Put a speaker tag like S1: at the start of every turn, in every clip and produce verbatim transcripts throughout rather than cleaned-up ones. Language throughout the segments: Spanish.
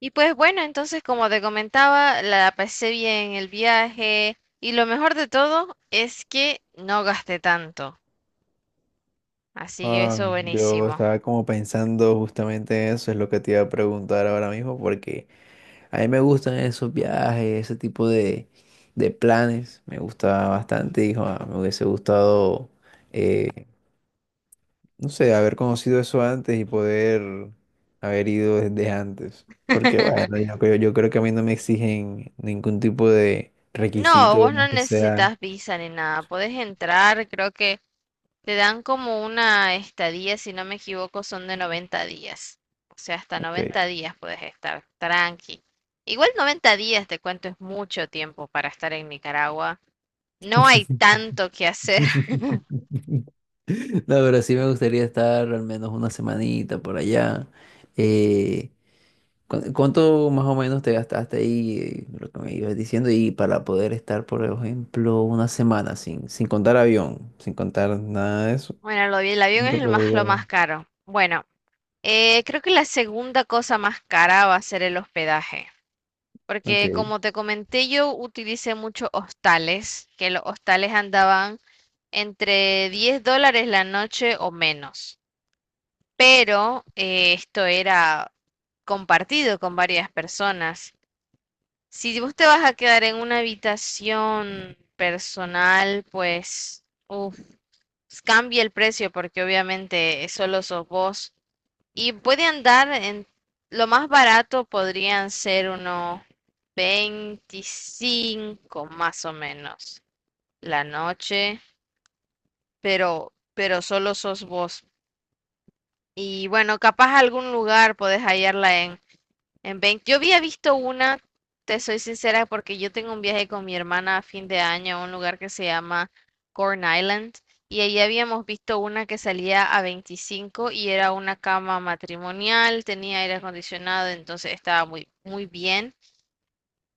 S1: Y pues bueno, entonces como te comentaba, la pasé bien el viaje y lo mejor de todo es que no gasté tanto. Así que eso
S2: Ah, yo
S1: buenísimo.
S2: estaba como pensando justamente eso, es lo que te iba a preguntar ahora mismo, porque a mí me gustan esos viajes, ese tipo de, de planes, me gusta bastante, hijo, ah, me hubiese gustado, eh, no sé, haber conocido eso antes y poder haber ido desde antes, porque bueno, yo creo, yo creo que a mí no me exigen ningún tipo de
S1: No,
S2: requisito
S1: vos no
S2: más que sea,
S1: necesitas visa ni nada. Podés entrar, creo que te dan como una estadía, si no me equivoco, son de noventa días. O sea, hasta
S2: ok.
S1: noventa días puedes estar tranqui. Igual noventa días, te cuento, es mucho tiempo para estar en Nicaragua. No hay tanto que hacer.
S2: No, pero sí me gustaría estar al menos una semanita por allá. Eh, ¿cu- ¿Cuánto más o menos te gastaste ahí, eh, lo que me ibas diciendo? Y para poder estar, por ejemplo, una semana sin, sin contar avión, sin contar nada de eso.
S1: Bueno, lo vi- el avión es
S2: ¿Cuánto
S1: el más, lo
S2: podría?
S1: más caro. Bueno, eh, creo que la segunda cosa más cara va a ser el hospedaje,
S2: Ok.
S1: porque como te comenté, yo utilicé muchos hostales, que los hostales andaban entre diez dólares la noche o menos, pero eh, esto era compartido con varias personas. Si vos te vas a quedar en una habitación personal, pues uf, cambia el precio porque obviamente solo sos vos. Y puede andar en lo más barato podrían ser unos veinticinco más o menos la noche, pero pero solo sos vos. Y bueno, capaz algún lugar podés hallarla en en veinte. Yo había visto una, te soy sincera, porque yo tengo un viaje con mi hermana a fin de año a un lugar que se llama Corn Island y ahí habíamos visto una que salía a veinticinco y era una cama matrimonial, tenía aire acondicionado, entonces estaba muy muy bien,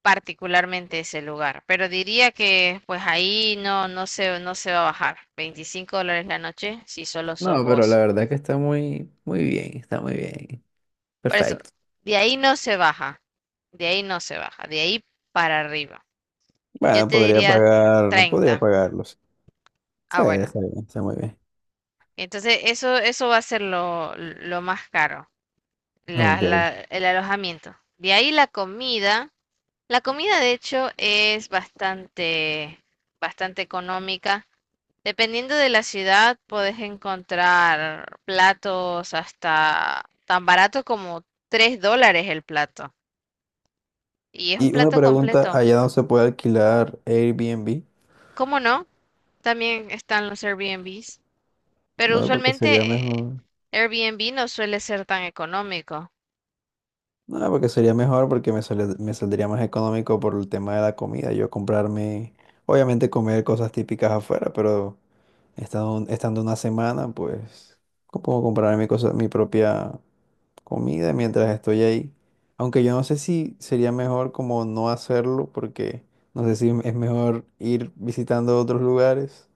S1: particularmente ese lugar. Pero diría que pues ahí no no se no se va a bajar. Veinticinco dólares la noche si solo sos
S2: No, pero la
S1: vos.
S2: verdad que está muy, muy bien, está muy bien.
S1: Por eso,
S2: Perfecto.
S1: de ahí no se baja, de ahí no se baja, de ahí para arriba. Yo
S2: Bueno,
S1: te
S2: podría
S1: diría
S2: pagar, podría
S1: treinta.
S2: pagarlos. Sí,
S1: Ah, bueno.
S2: está bien, está muy bien.
S1: Entonces, eso, eso va a ser lo, lo más caro, la-
S2: Ok.
S1: la- el alojamiento. De ahí la comida. La comida, de hecho, es bastante, bastante económica. Dependiendo de la ciudad, puedes encontrar platos hasta tan barato como tres dólares el plato. Y es un
S2: Y una
S1: plato
S2: pregunta,
S1: completo.
S2: ¿allá no se puede alquilar Airbnb?
S1: ¿Cómo no? También están los Airbnbs. Pero
S2: Bueno, porque sería
S1: usualmente eh,
S2: mejor.
S1: Airbnb no suele ser tan económico.
S2: No, porque sería mejor porque me sale- me saldría más económico por el tema de la comida. Yo comprarme, obviamente comer cosas típicas afuera, pero estando, estando una semana, pues co- puedo comprarme cosas, mi propia comida mientras estoy ahí. Aunque yo no sé si sería mejor como no hacerlo, porque no sé si es mejor ir visitando otros lugares.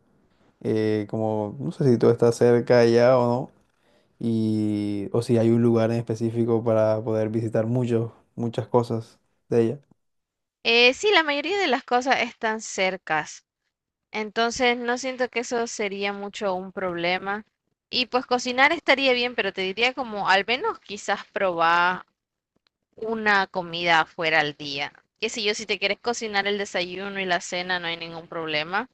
S2: eh, Como, no sé si tú estás cerca allá o no. Y o si hay un lugar en específico para poder visitar muchos, muchas cosas de ella.
S1: Eh, sí, la mayoría de las cosas están cercas, entonces no siento que eso sería mucho un problema. Y pues cocinar estaría bien, pero te diría como al menos quizás probar una comida afuera al día. Qué sé yo, si te quieres cocinar el desayuno y la cena no hay ningún problema,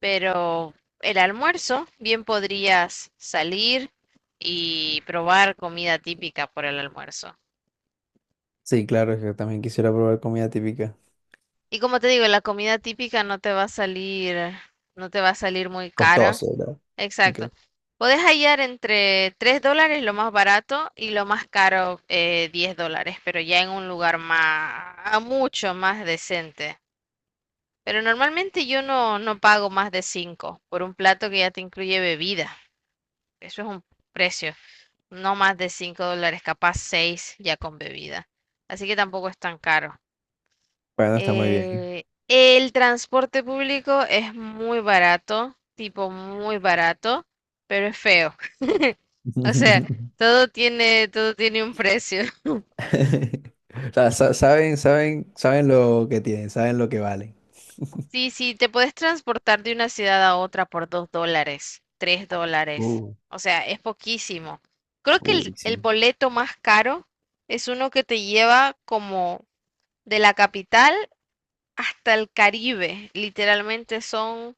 S1: pero el almuerzo bien podrías salir y probar comida típica por el almuerzo.
S2: Sí, claro, es que también quisiera probar comida típica.
S1: Y como te digo, la comida típica no te va a salir, no te va a salir muy cara.
S2: Costoso, ¿verdad? Ok.
S1: Exacto. Puedes hallar entre tres dólares lo más barato y lo más caro eh, diez dólares, pero ya en un lugar más, mucho más decente. Pero normalmente yo no, no pago más de cinco por un plato que ya te incluye bebida. Eso es un precio, no más de cinco dólares, capaz seis ya con bebida. Así que tampoco es tan caro.
S2: Bueno, está muy bien.
S1: Eh, el transporte público es muy barato, tipo muy barato, pero es feo. O sea, todo tiene, todo tiene un precio.
S2: O sea, sa- saben, saben, saben lo que tienen, saben lo que valen.
S1: Sí, sí, te puedes transportar de una ciudad a otra por dos dólares, tres dólares.
S2: Uh,
S1: O sea, es poquísimo. Creo que
S2: uy,
S1: el, el
S2: sí.
S1: boleto más caro es uno que te lleva como de la capital hasta el Caribe. Literalmente son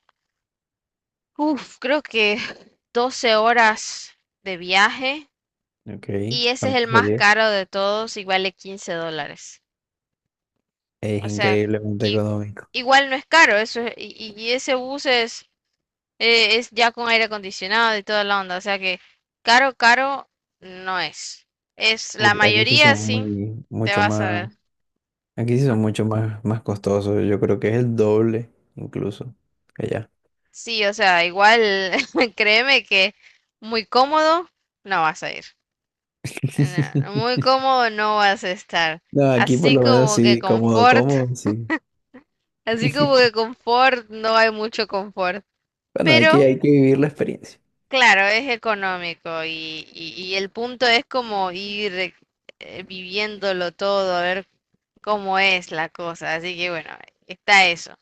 S1: Uf, creo que doce horas de viaje
S2: Ok,
S1: y ese es el
S2: ¿cuánto
S1: más
S2: sería?
S1: caro de todos y vale quince dólares.
S2: Es
S1: O sea,
S2: increíblemente
S1: que
S2: económico.
S1: igual no es caro, eso es- y, y ese bus es, eh, es ya con aire acondicionado y toda la onda, o sea que caro, caro no es. Es la
S2: Uy, aquí sí
S1: mayoría
S2: son
S1: sí,
S2: muy,
S1: te
S2: Mucho
S1: vas a ver.
S2: más. Aquí sí
S1: Ah,
S2: son mucho más, más costosos. Yo creo que es el doble, incluso, que allá.
S1: sí, o sea, igual créeme que muy cómodo no vas a ir. No, muy cómodo no vas a estar.
S2: No, aquí por
S1: Así
S2: lo menos
S1: como que
S2: sí, cómodo,
S1: confort,
S2: cómodo, sí.
S1: así como que confort, no hay mucho confort.
S2: Bueno, aquí
S1: Pero,
S2: hay que vivir la experiencia.
S1: claro, es económico y, y, y el punto es como ir eh, viviéndolo todo, a ver cómo es la cosa. Así que bueno, está eso.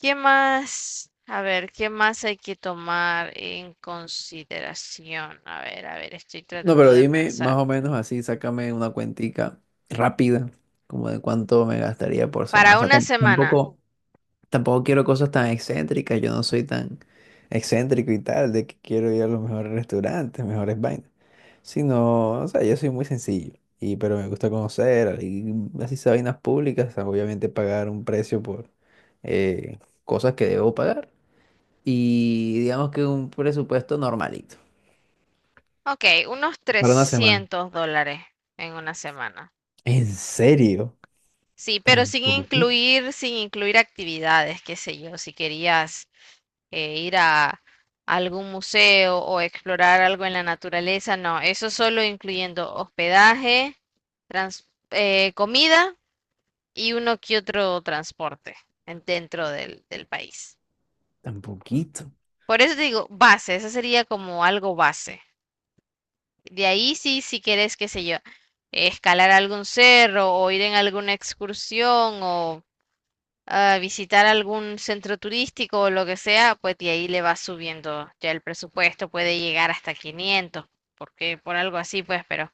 S1: ¿Qué más? A ver, ¿qué más hay que tomar en consideración? A ver, a ver, estoy
S2: No,
S1: tratando
S2: pero
S1: de
S2: dime más
S1: pensar.
S2: o menos así, sácame una cuentica rápida, como de cuánto me gastaría por semana. O
S1: Para
S2: sea,
S1: una
S2: tam-
S1: semana.
S2: tampoco, tampoco quiero cosas tan excéntricas, yo no soy tan excéntrico y tal, de que quiero ir a los mejores restaurantes, mejores vainas. Sí, no, o sea, yo soy muy sencillo, y, pero me gusta conocer, y así sea vainas públicas, obviamente pagar un precio por eh, cosas que debo pagar, y digamos que un presupuesto normalito,
S1: Ok, unos
S2: para una semana.
S1: trescientos dólares en una semana.
S2: ¿En serio?
S1: Sí, pero
S2: ¿Tan
S1: sin
S2: poquito?
S1: incluir, sin incluir actividades, qué sé yo, si querías eh, ir a algún museo o explorar algo en la naturaleza, no, eso solo incluyendo hospedaje, trans- eh, comida y uno que otro transporte en- dentro del, del país.
S2: ¿Tan poquito?
S1: Por eso te digo, base, eso sería como algo base. De ahí sí, si quieres, qué sé yo, escalar algún cerro o ir en alguna excursión o ah, visitar algún centro turístico o lo que sea, pues de ahí le va subiendo ya el presupuesto, puede llegar hasta quinientos porque por algo así, pues, pero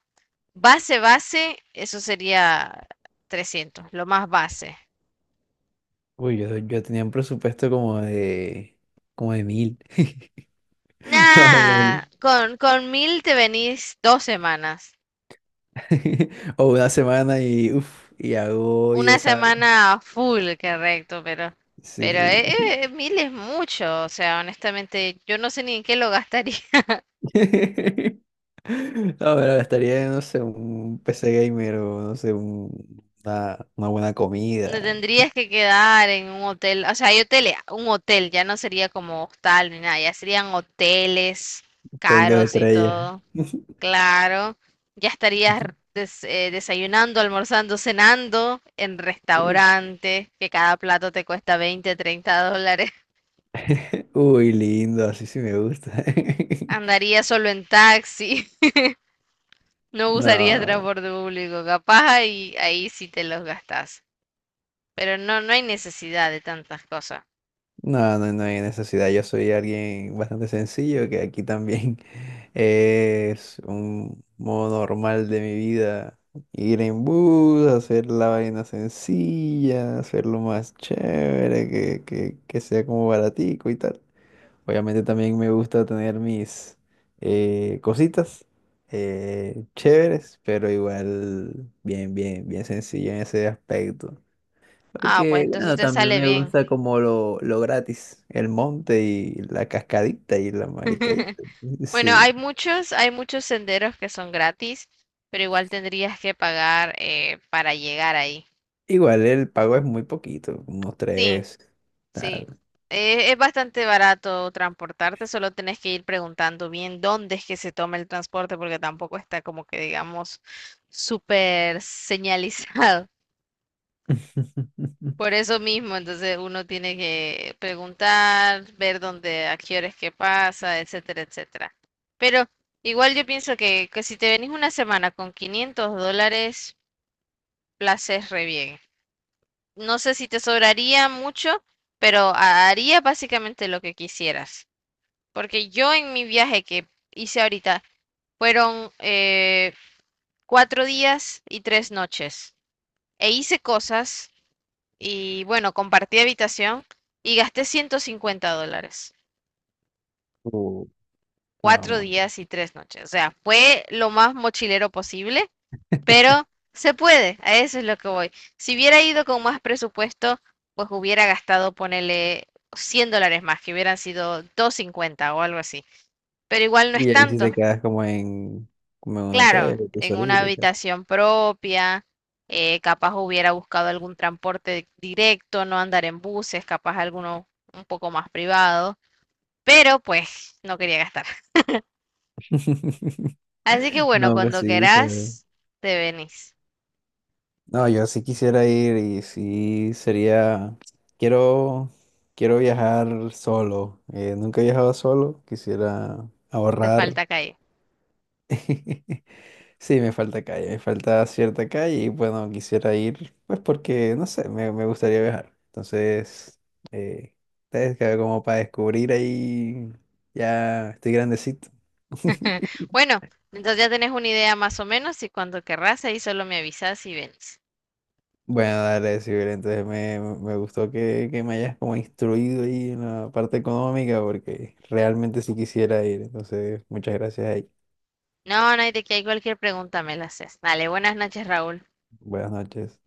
S1: base, base, eso sería trescientos lo más base.
S2: Uy, yo, yo tenía un presupuesto como de, como de mil, más o menos.
S1: Nah, con, con mil te venís dos semanas.
S2: O una semana y, uff, y hago y
S1: Una
S2: deshago.
S1: semana full, correcto, pero,
S2: Sí,
S1: pero
S2: sí.
S1: eh, eh, mil es mucho, o sea, honestamente, yo no sé ni en qué lo gastaría.
S2: No, pero gastaría, no sé, un P C gamer o no sé, un- una, una buena
S1: No
S2: comida,
S1: tendrías que quedar en un hotel, o sea, hay hoteles, un hotel, ya no sería como hostal ni nada, ya serían hoteles
S2: un hotel dos
S1: caros y
S2: estrellas.
S1: todo, claro. Ya estarías des- eh, desayunando, almorzando, cenando en restaurantes, que cada plato te cuesta veinte treinta dólares.
S2: Uy, lindo, así sí me gusta.
S1: Andarías solo en taxi. No usarías
S2: No,
S1: transporte público, capaz ahí, ahí sí te los gastás. Pero no, no hay necesidad de tantas cosas.
S2: No, no, no hay necesidad. Yo soy alguien bastante sencillo, que aquí también es un modo normal de mi vida. Ir en bus, hacer la vaina sencilla, hacerlo más chévere, que, que, que sea como baratico y tal. Obviamente también me gusta tener mis eh, cositas eh, chéveres, pero igual bien, bien, bien sencillo en ese aspecto.
S1: Ah, pues
S2: Porque,
S1: entonces
S2: bueno,
S1: te
S2: también
S1: sale
S2: me
S1: bien.
S2: gusta como lo, lo gratis, el monte y la cascadita y la maricadita.
S1: Bueno,
S2: Sí.
S1: hay muchos, hay muchos senderos que son gratis, pero igual tendrías que pagar eh, para llegar ahí.
S2: Igual el pago es muy poquito, unos
S1: Sí,
S2: tres,
S1: sí.
S2: tal.
S1: Eh, es bastante barato transportarte, solo tenés que ir preguntando bien dónde es que se toma el transporte, porque tampoco está como que digamos súper señalizado. Por eso mismo, entonces uno tiene que preguntar, ver dónde, a qué horas que pasa, etcétera, etcétera. Pero igual yo pienso que, que, si te venís una semana con quinientos dólares, la haces re bien. No sé si te sobraría mucho, pero haría básicamente lo que quisieras. Porque yo en mi viaje que hice ahorita fueron eh, cuatro días y tres noches. E hice cosas. Y bueno, compartí habitación y gasté ciento cincuenta dólares.
S2: Uh, no,
S1: Cuatro
S2: muy-
S1: días y tres noches. O sea, fue lo más mochilero posible, pero se puede. A eso es lo que voy. Si hubiera ido con más presupuesto, pues hubiera gastado, ponele cien dólares más, que hubieran sido doscientos cincuenta o algo así. Pero igual no
S2: Y
S1: es
S2: ahí sí te
S1: tanto.
S2: quedas como en, como en un
S1: Claro,
S2: hotel, tú
S1: en una
S2: solito y tal.
S1: habitación propia, eh, capaz hubiera buscado algún transporte directo, no andar en buses, capaz alguno un poco más privado. Pero pues no quería gastar. Así que bueno,
S2: No, pues
S1: cuando
S2: sí, o sea.
S1: querás, te venís.
S2: No, yo sí quisiera ir y sí sería, quiero, quiero viajar solo. Eh, nunca he viajado solo, quisiera
S1: Te
S2: ahorrar.
S1: falta calle.
S2: Sí, me falta calle, me falta cierta calle y bueno, quisiera ir, pues porque, no sé, me, me gustaría viajar. Entonces, eh, es que como para descubrir ahí, ya estoy grandecito.
S1: Bueno, entonces ya tenés una idea más o menos y cuando querrás ahí solo me avisas y venís.
S2: Bueno, dale, Sibel, entonces me, me gustó que, que me hayas como instruido ahí en la parte económica porque realmente sí quisiera ir. Entonces, muchas gracias ahí.
S1: No, no hay de qué, hay cualquier pregunta me la haces. Dale, buenas noches, Raúl.
S2: Buenas noches.